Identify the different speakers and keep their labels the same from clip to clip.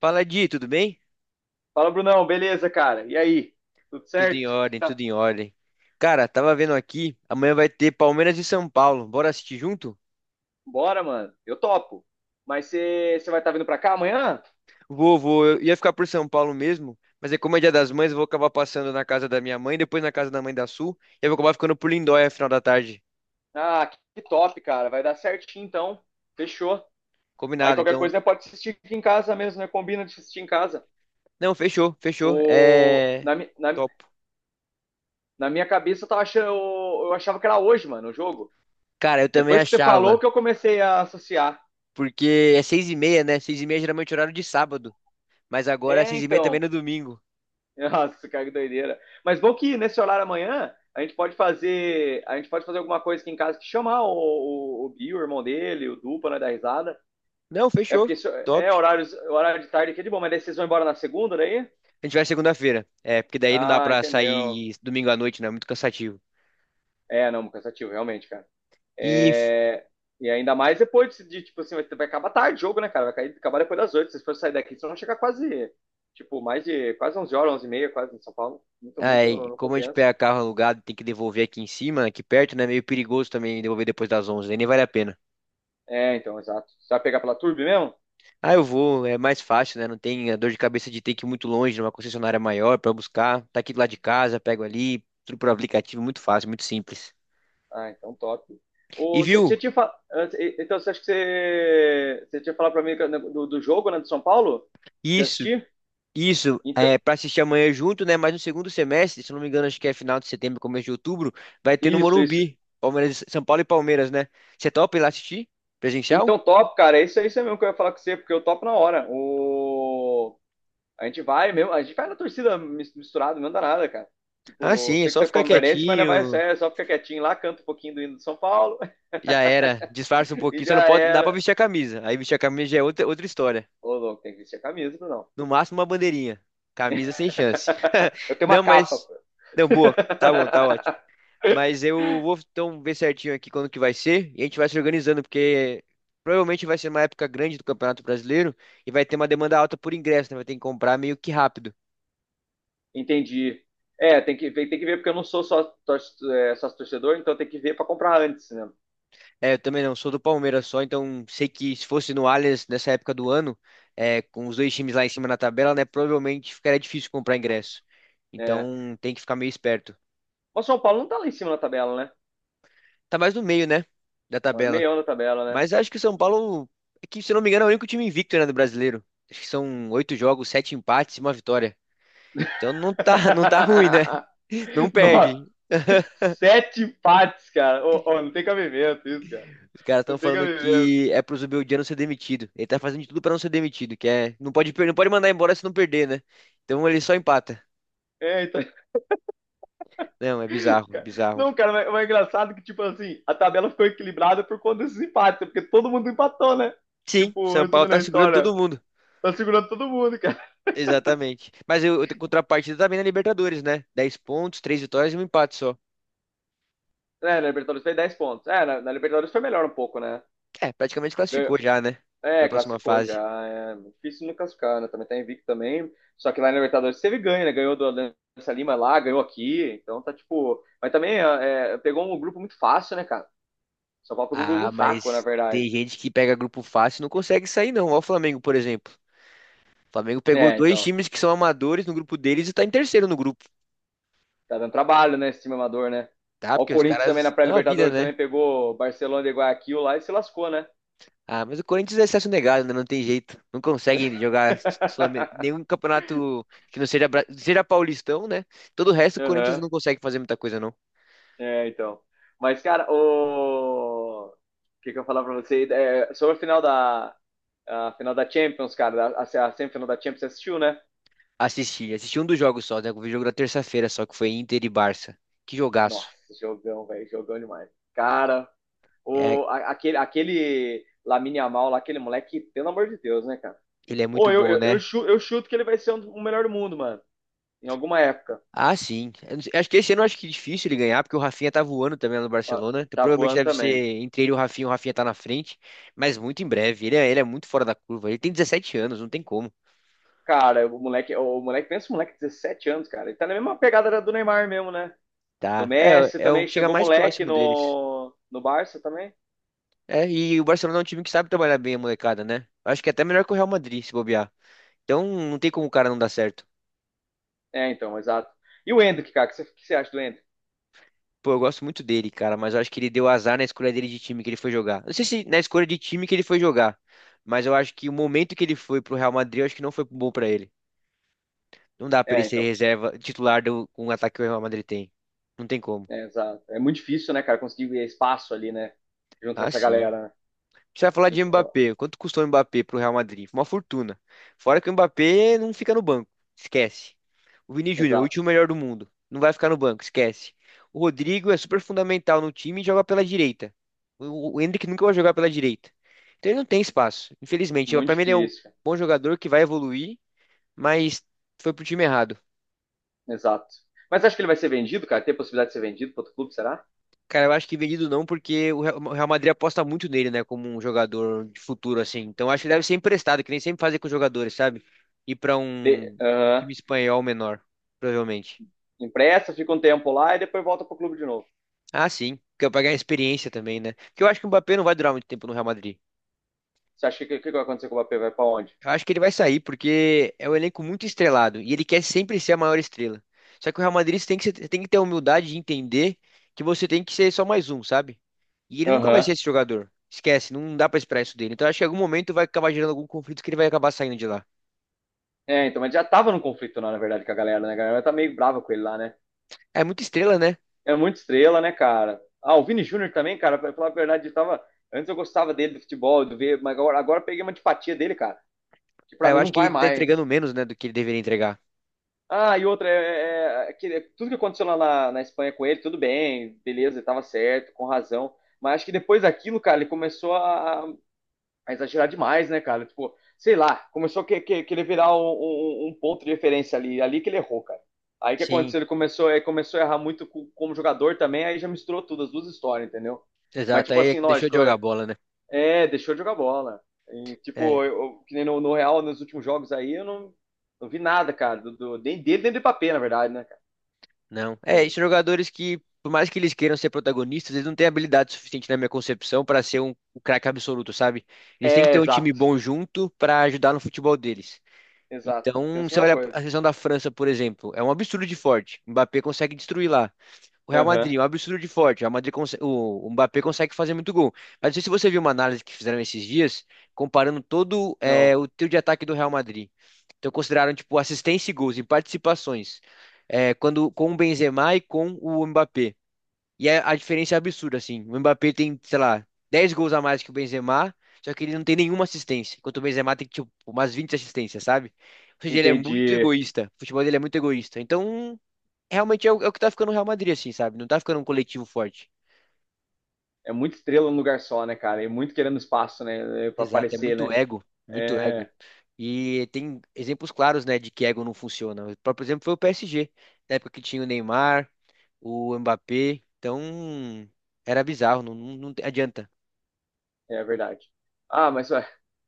Speaker 1: Fala, Di, tudo bem?
Speaker 2: Fala, Brunão, beleza, cara? E aí? Tudo
Speaker 1: Tudo em
Speaker 2: certo? Que
Speaker 1: ordem,
Speaker 2: tá...
Speaker 1: tudo em ordem. Cara, tava vendo aqui, amanhã vai ter Palmeiras e São Paulo. Bora assistir junto?
Speaker 2: Bora, mano. Eu topo. Mas você vai estar vindo pra cá amanhã?
Speaker 1: Vou, vou. Eu ia ficar por São Paulo mesmo, mas é como é Dia das Mães, eu vou acabar passando na casa da minha mãe, depois na casa da mãe da Sul, e eu vou acabar ficando por Lindóia final da tarde.
Speaker 2: Ah, que top, cara. Vai dar certinho, então. Fechou. Aí
Speaker 1: Combinado,
Speaker 2: qualquer
Speaker 1: então.
Speaker 2: coisa, né, pode assistir aqui em casa mesmo, né? Combina de assistir em casa.
Speaker 1: Não, fechou, fechou.
Speaker 2: O...
Speaker 1: É.
Speaker 2: Na, mi- na,
Speaker 1: Topo.
Speaker 2: na minha cabeça, eu, tava achando, eu achava que era hoje, mano, o jogo.
Speaker 1: Cara, eu também
Speaker 2: Depois que você
Speaker 1: achava,
Speaker 2: falou que eu comecei a associar.
Speaker 1: porque é 6h30, né? Seis e meia geralmente é horário de sábado, mas agora é
Speaker 2: É,
Speaker 1: 6h30 também
Speaker 2: então.
Speaker 1: no domingo.
Speaker 2: Nossa, cara, que doideira. Mas bom que nesse horário amanhã a gente pode fazer alguma coisa aqui em casa, que chamar o Gui, o irmão dele, o Dupa, né, da risada.
Speaker 1: Não,
Speaker 2: É
Speaker 1: fechou.
Speaker 2: porque isso- É
Speaker 1: Top.
Speaker 2: horário de tarde aqui é de bom, mas daí vocês vão embora na segunda daí?
Speaker 1: A gente vai segunda-feira. É, porque daí não dá
Speaker 2: Ah,
Speaker 1: pra
Speaker 2: entendeu.
Speaker 1: sair domingo à noite, né? É muito cansativo.
Speaker 2: É, não, cansativo, realmente, cara.
Speaker 1: E
Speaker 2: É, e ainda mais depois tipo assim, vai acabar tarde o jogo, né, cara? Acabar depois das oito. Se vocês forem sair daqui, vocês vão chegar quase, tipo, mais de quase 11 horas, 11 e meia, quase em São Paulo. Muito, muito,
Speaker 1: aí,
Speaker 2: não
Speaker 1: como a gente
Speaker 2: compensa.
Speaker 1: pega carro alugado, e tem que devolver aqui em cima, aqui perto, né? É meio perigoso também devolver depois das 11, né? Nem vale a pena.
Speaker 2: É, então, exato. Você vai pegar pela Turbo mesmo?
Speaker 1: Ah, eu vou, é mais fácil, né? Não tem a dor de cabeça de ter que ir muito longe, numa concessionária maior pra buscar. Tá aqui do lado de casa, pego ali, tudo por aplicativo, muito fácil, muito simples.
Speaker 2: Ah, então top. O,
Speaker 1: E
Speaker 2: você
Speaker 1: viu?
Speaker 2: tinha, tinha fa- antes- e- Então, você acha que você tinha falado pra mim né, do, jogo, né, do São Paulo? De
Speaker 1: Isso,
Speaker 2: assistir?
Speaker 1: Isso,
Speaker 2: Então,
Speaker 1: é, para assistir amanhã junto, né? Mas no segundo semestre, se eu não me engano, acho que é final de setembro, começo de outubro, vai ter no
Speaker 2: isso, isso.
Speaker 1: Morumbi, Palmeiras, São Paulo e Palmeiras, né? Você topa ir lá assistir? Presencial?
Speaker 2: Então, top, cara. É isso aí mesmo que eu ia falar com você, porque eu topo na hora. A gente vai na torcida misturado, não dá nada, cara.
Speaker 1: Ah,
Speaker 2: Tipo, eu
Speaker 1: sim, é
Speaker 2: sei que
Speaker 1: só
Speaker 2: você é
Speaker 1: ficar
Speaker 2: palmeirense, mas não vai
Speaker 1: quietinho,
Speaker 2: ser, só fica quietinho lá, canta um pouquinho do hino do São Paulo.
Speaker 1: já era, disfarça um
Speaker 2: E
Speaker 1: pouquinho, só não
Speaker 2: já
Speaker 1: pode, dá pra
Speaker 2: era.
Speaker 1: vestir a camisa. Aí vestir a camisa já é outra, outra história.
Speaker 2: Ô, louco, tem que vestir a camisa, não.
Speaker 1: No máximo uma bandeirinha, camisa sem chance.
Speaker 2: Eu tenho uma
Speaker 1: Não,
Speaker 2: capa,
Speaker 1: mas,
Speaker 2: pô.
Speaker 1: não, boa, tá bom, tá ótimo. Mas eu vou então ver certinho aqui quando que vai ser e a gente vai se organizando, porque provavelmente vai ser uma época grande do Campeonato Brasileiro e vai ter uma demanda alta por ingresso, né? Vai ter que comprar meio que rápido.
Speaker 2: Entendi. É, tem que ver, tem que ver, porque eu não sou só sócio, é, sócio torcedor, então tem que ver para comprar antes, né?
Speaker 1: É, eu também não sou do Palmeiras só, então sei que se fosse no Allianz nessa época do ano, é, com os dois times lá em cima na tabela, né? Provavelmente ficaria difícil comprar ingresso.
Speaker 2: É.
Speaker 1: Então tem que ficar meio esperto.
Speaker 2: Mas o São Paulo não tá lá em cima na tabela, né?
Speaker 1: Tá mais no meio, né? Da
Speaker 2: Tá no
Speaker 1: tabela.
Speaker 2: meião da tabela, né?
Speaker 1: Mas acho que o São Paulo, é que, se eu não me engano, é o único time invicto, né, do brasileiro. Acho que são oito jogos, sete empates e uma vitória. Então não tá, não tá ruim, né? Não
Speaker 2: Nossa,
Speaker 1: perde.
Speaker 2: sete empates, cara. Ô, ô, não tem cabimento isso, cara.
Speaker 1: Os caras
Speaker 2: Não
Speaker 1: estão
Speaker 2: tem
Speaker 1: falando
Speaker 2: cabimento.
Speaker 1: que é pro Zubeldia não ser demitido. Ele tá fazendo de tudo pra não ser demitido, que é, não pode não pode mandar embora se não perder, né? Então ele só empata.
Speaker 2: É, então,
Speaker 1: Não, é bizarro,
Speaker 2: cara-
Speaker 1: bizarro.
Speaker 2: não, cara, mas é engraçado que, tipo assim, a tabela ficou equilibrada por conta desses empates, porque todo mundo empatou, né?
Speaker 1: Sim,
Speaker 2: Tipo,
Speaker 1: São Paulo
Speaker 2: resumindo
Speaker 1: tá
Speaker 2: a
Speaker 1: segurando
Speaker 2: história,
Speaker 1: todo mundo.
Speaker 2: tá segurando todo mundo, cara.
Speaker 1: Exatamente. Mas eu tenho contrapartida também na Libertadores, né? 10 pontos, 3 vitórias e um empate só.
Speaker 2: É, na Libertadores fez 10 pontos. É, na Libertadores foi melhor um pouco, né?
Speaker 1: É, praticamente
Speaker 2: Ganhou-
Speaker 1: classificou já, né? Pra
Speaker 2: É,
Speaker 1: próxima
Speaker 2: classificou já.
Speaker 1: fase.
Speaker 2: É difícil não classificar, né? Também tá invicto também. Só que lá na Libertadores teve ganho, né? Ganhou do Alianza Lima lá, ganhou aqui. Então tá tipo. Mas também pegou um grupo muito fácil, né, cara? São Paulo pegou um grupo
Speaker 1: Ah,
Speaker 2: fraco, na
Speaker 1: mas
Speaker 2: verdade.
Speaker 1: tem gente que pega grupo fácil e não consegue sair, não. Olha o Flamengo, por exemplo. O Flamengo pegou
Speaker 2: É,
Speaker 1: dois
Speaker 2: então.
Speaker 1: times que são amadores no grupo deles e tá em terceiro no grupo,
Speaker 2: Tá dando trabalho, né? Esse time amador, né?
Speaker 1: tá?
Speaker 2: Ó, o
Speaker 1: Porque os
Speaker 2: Corinthians também na
Speaker 1: caras dão a vida,
Speaker 2: pré-Libertadores
Speaker 1: né?
Speaker 2: também pegou Barcelona e Guayaquil lá e se lascou, né?
Speaker 1: Ah, mas o Corinthians é acesso negado, né? Não tem jeito. Não conseguem jogar nenhum campeonato que não seja, seja paulistão, né? Todo o resto, o Corinthians
Speaker 2: Aham.
Speaker 1: não consegue fazer muita coisa, não.
Speaker 2: É, então. Mas, cara, O que que eu ia falar pra você? É, sobre a final da. A final da Champions, cara. A semifinal da Champions, você assistiu, né?
Speaker 1: Assisti, assisti um dos jogos só, né? O jogo da terça-feira só, que foi Inter e Barça. Que
Speaker 2: Nossa,
Speaker 1: jogaço.
Speaker 2: jogão, velho. Jogão demais. Cara,
Speaker 1: É,
Speaker 2: aquele Lamine Yamal lá, aquele moleque, pelo amor de Deus, né, cara?
Speaker 1: ele é
Speaker 2: Ou
Speaker 1: muito
Speaker 2: eu,
Speaker 1: bom,
Speaker 2: eu, eu,
Speaker 1: né?
Speaker 2: chu- eu chuto que ele vai ser o melhor do mundo, mano. Em alguma época.
Speaker 1: Ah, sim. Eu não sei. Acho que esse ano eu acho que é difícil ele ganhar, porque o Rafinha tá voando também lá no
Speaker 2: Ó,
Speaker 1: Barcelona. Então,
Speaker 2: tá
Speaker 1: provavelmente
Speaker 2: voando
Speaker 1: deve ser
Speaker 2: também.
Speaker 1: entre ele e o Rafinha tá na frente, mas muito em breve. Ele é muito fora da curva. Ele tem 17 anos, não tem como.
Speaker 2: Cara, o moleque, pensa um moleque de 17 anos, cara. Ele tá na mesma pegada do Neymar mesmo, né? Do
Speaker 1: Tá. É,
Speaker 2: Messi
Speaker 1: é o
Speaker 2: também,
Speaker 1: que chega
Speaker 2: chegou
Speaker 1: mais
Speaker 2: moleque
Speaker 1: próximo deles.
Speaker 2: no Barça também.
Speaker 1: É, e o Barcelona é um time que sabe trabalhar bem a molecada, né? Acho que é até melhor que o Real Madrid, se bobear. Então não tem como o cara não dar certo.
Speaker 2: É, então, exato. E o Endrick, cara, o que você acha do Endrick?
Speaker 1: Pô, eu gosto muito dele, cara, mas eu acho que ele deu azar na escolha dele de time que ele foi jogar. Não sei se na escolha de time que ele foi jogar, mas eu acho que o momento que ele foi pro Real Madrid, eu acho que não foi bom pra ele. Não dá pra ele
Speaker 2: É,
Speaker 1: ser
Speaker 2: então,
Speaker 1: reserva titular do, com o ataque que o Real Madrid tem. Não tem como.
Speaker 2: é, exato. É muito difícil, né, cara, conseguir espaço ali, né, junto com
Speaker 1: Ah,
Speaker 2: essa
Speaker 1: sim.
Speaker 2: galera, né?
Speaker 1: Precisa falar de
Speaker 2: Então,
Speaker 1: Mbappé. Quanto custou o Mbappé pro Real Madrid? Foi uma fortuna. Fora que o Mbappé não fica no banco. Esquece. O Vini Júnior, o último
Speaker 2: exato.
Speaker 1: melhor do mundo. Não vai ficar no banco. Esquece. O Rodrigo é super fundamental no time e joga pela direita. O Endrick nunca vai jogar pela direita. Então ele não tem espaço. Infelizmente,
Speaker 2: Muito
Speaker 1: pra mim ele é um
Speaker 2: difícil, cara.
Speaker 1: bom jogador que vai evoluir, mas foi pro time errado.
Speaker 2: Exato. Mas acho que ele vai ser vendido, cara? Tem possibilidade de ser vendido para outro clube, será?
Speaker 1: Cara, eu acho que vendido não, porque o Real Madrid aposta muito nele, né, como um jogador de futuro, assim. Então acho que deve ser emprestado, que nem sempre fazem com os jogadores, sabe? Ir pra um
Speaker 2: Aham.
Speaker 1: time espanhol menor, provavelmente.
Speaker 2: Empresta, fica um tempo lá e depois volta pro clube de novo.
Speaker 1: Ah, sim, porque eu pagar a experiência também, né? Porque eu acho que o Mbappé não vai durar muito tempo no Real Madrid.
Speaker 2: Você acha que o que, que vai acontecer com o Mbappé? Vai pra onde?
Speaker 1: Eu acho que ele vai sair porque é um elenco muito estrelado e ele quer sempre ser a maior estrela. Só que o Real Madrid você tem que, tem que ter a humildade de entender que você tem que ser só mais um, sabe? E ele nunca vai
Speaker 2: Aham.
Speaker 1: ser esse jogador. Esquece, não dá pra esperar isso dele. Então eu acho que em algum momento vai acabar gerando algum conflito que ele vai acabar saindo de lá.
Speaker 2: É, então, mas já tava num conflito lá, na verdade, com a galera, né? A galera tá meio brava com ele lá, né?
Speaker 1: É muita estrela, né?
Speaker 2: É muito estrela, né, cara? Ah, o Vini Júnior também, cara, pra falar a verdade, antes eu gostava dele, do futebol, do ver, mas agora eu peguei uma antipatia dele, cara, que
Speaker 1: Ah,
Speaker 2: pra
Speaker 1: eu
Speaker 2: mim não
Speaker 1: acho que
Speaker 2: vai
Speaker 1: ele tá entregando
Speaker 2: mais.
Speaker 1: menos, né, do que ele deveria entregar.
Speaker 2: Ah, e outra, tudo que aconteceu lá na Espanha com ele, tudo bem, beleza, ele tava certo, com razão. Mas acho que depois daquilo, cara, ele começou a exagerar demais, né, cara? Tipo, sei lá, começou a querer virar um ponto de referência ali que ele errou, cara. Aí o que
Speaker 1: Sim.
Speaker 2: aconteceu? Ele começou a errar muito como jogador também, aí já misturou tudo, as duas histórias, entendeu? Mas,
Speaker 1: Exato,
Speaker 2: tipo
Speaker 1: aí
Speaker 2: assim,
Speaker 1: deixou de
Speaker 2: lógico,
Speaker 1: jogar bola, né?
Speaker 2: deixou de jogar bola. E,
Speaker 1: É,
Speaker 2: tipo, que nem no Real, nos últimos jogos aí, eu não vi nada, cara, nem dele, nem do Mbappé, na verdade, né, cara?
Speaker 1: não. É, esses
Speaker 2: Entende?
Speaker 1: jogadores que, por mais que eles queiram ser protagonistas, eles não têm habilidade suficiente, na minha concepção, para ser um, um craque absoluto, sabe? Eles têm que
Speaker 2: É,
Speaker 1: ter um time
Speaker 2: exato,
Speaker 1: bom junto para ajudar no futebol deles.
Speaker 2: exato. Eu
Speaker 1: Então,
Speaker 2: penso a
Speaker 1: você
Speaker 2: mesma
Speaker 1: olha a
Speaker 2: coisa.
Speaker 1: seleção da França, por exemplo, é um absurdo de forte. Mbappé consegue destruir lá. O Real
Speaker 2: Aham,
Speaker 1: Madrid, um absurdo de forte. O Real Madrid o Mbappé consegue fazer muito gol. Mas não sei se você viu uma análise que fizeram esses dias, comparando todo
Speaker 2: não,
Speaker 1: o trio de ataque do Real Madrid. Então consideraram tipo assistência e gols em participações, é, quando com o Benzema e com o Mbappé. E a diferença é absurda assim. O Mbappé tem, sei lá, 10 gols a mais que o Benzema, só que ele não tem nenhuma assistência, enquanto o Benzema tem tipo umas 20 assistências, sabe? Ou seja, ele é muito
Speaker 2: entendi.
Speaker 1: egoísta. O futebol dele é muito egoísta. Então, realmente é o que tá ficando o Real Madrid, assim, sabe? Não tá ficando um coletivo forte.
Speaker 2: É muita estrela num lugar só, né, cara? E muito querendo espaço, né? Pra
Speaker 1: Exato, é
Speaker 2: aparecer,
Speaker 1: muito
Speaker 2: né?
Speaker 1: ego, muito ego.
Speaker 2: É,
Speaker 1: E tem exemplos claros, né, de que ego não funciona. O próprio exemplo foi o PSG, na época que tinha o Neymar, o Mbappé. Então, era bizarro, não, não, não adianta.
Speaker 2: é verdade. Ah, mas ué,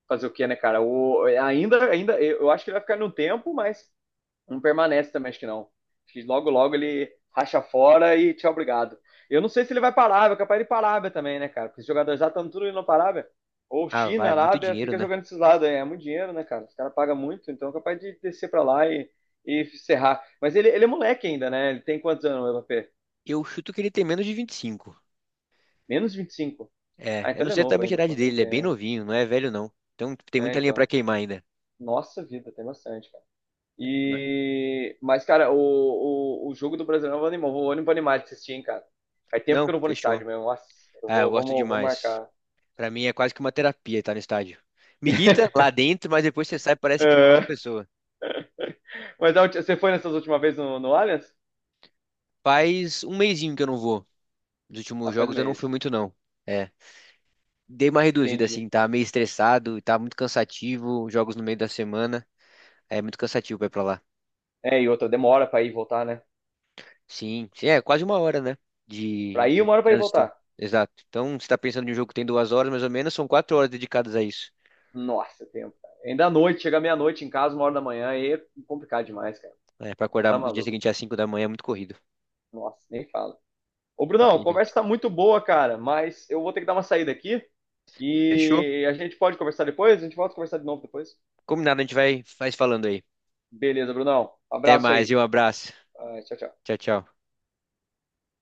Speaker 2: fazer o quê, né, cara? O, ainda, eu acho que ele vai ficar no tempo, mas não permanece também, acho que não. Acho que logo, logo ele racha fora e tchau, obrigado. Eu não sei se ele vai para a Arábia, capaz de ir para a Arábia também, né, cara? Porque os jogadores já estão tudo indo para a Arábia. Ou
Speaker 1: Ah, vai,
Speaker 2: China,
Speaker 1: é muito
Speaker 2: Arábia,
Speaker 1: dinheiro,
Speaker 2: fica
Speaker 1: né?
Speaker 2: jogando esses lados aí. É muito dinheiro, né, cara? Os caras pagam muito, então é capaz de descer para lá e serrar. Mas ele é moleque ainda, né? Ele tem quantos anos, o Mbappé?
Speaker 1: Eu chuto que ele tem menos de 25.
Speaker 2: Menos 25.
Speaker 1: É,
Speaker 2: Ah,
Speaker 1: eu
Speaker 2: então
Speaker 1: não
Speaker 2: ele é
Speaker 1: sei
Speaker 2: novo
Speaker 1: exatamente a
Speaker 2: ainda,
Speaker 1: idade
Speaker 2: pô, tem
Speaker 1: dele, ele é bem
Speaker 2: tempo.
Speaker 1: novinho, não é velho não. Então tem
Speaker 2: É,
Speaker 1: muita linha pra
Speaker 2: então.
Speaker 1: queimar ainda.
Speaker 2: Nossa vida, tem bastante, cara. Mas, cara, o jogo do Brasileirão eu animou. Vou animar animado de assistir, hein, cara. Faz tempo que
Speaker 1: Não,
Speaker 2: eu não vou no estádio
Speaker 1: fechou.
Speaker 2: mesmo. Nossa, eu
Speaker 1: Ah, eu
Speaker 2: vou,
Speaker 1: gosto
Speaker 2: vamos, vamos
Speaker 1: demais.
Speaker 2: marcar.
Speaker 1: Pra mim é quase que uma terapia estar no estádio. Me irrita lá dentro, mas depois você sai, parece que é uma nova
Speaker 2: É,
Speaker 1: pessoa.
Speaker 2: mas você foi nessas últimas vezes no Allianz?
Speaker 1: Faz um mesinho que eu não vou. Nos
Speaker 2: Ah,
Speaker 1: últimos
Speaker 2: faz um
Speaker 1: jogos eu não fui
Speaker 2: mês.
Speaker 1: muito, não. É. Dei uma reduzida,
Speaker 2: Entendi.
Speaker 1: assim, tá meio estressado, tá muito cansativo. Jogos no meio da semana. É muito cansativo pra ir pra lá.
Speaker 2: É, e outra, demora pra ir e voltar, né?
Speaker 1: Sim, sim, é quase 1 hora, né?
Speaker 2: Pra
Speaker 1: De,
Speaker 2: ir,
Speaker 1: de
Speaker 2: uma hora pra ir e
Speaker 1: trânsito.
Speaker 2: voltar.
Speaker 1: Exato. Então, você tá pensando em um jogo que tem 2 horas, mais ou menos, são 4 horas dedicadas a isso.
Speaker 2: Nossa, tempo, cara. Ainda à noite, chega meia-noite em casa, uma hora da manhã, aí é complicado demais, cara.
Speaker 1: É, pra acordar
Speaker 2: Tá
Speaker 1: no dia
Speaker 2: maluco?
Speaker 1: seguinte às 5h da manhã é muito corrido.
Speaker 2: Nossa, nem fala. Ô,
Speaker 1: Não
Speaker 2: Brunão, a
Speaker 1: tem jeito.
Speaker 2: conversa tá muito boa, cara, mas eu vou ter que dar uma saída aqui,
Speaker 1: Fechou.
Speaker 2: e a gente pode conversar depois? A gente volta a conversar de novo depois?
Speaker 1: Combinado, a gente vai, vai se falando aí.
Speaker 2: Beleza, Brunão.
Speaker 1: Até
Speaker 2: Abraço
Speaker 1: mais e
Speaker 2: aí.
Speaker 1: um abraço.
Speaker 2: Ah, tchau, tchau.
Speaker 1: Tchau, tchau.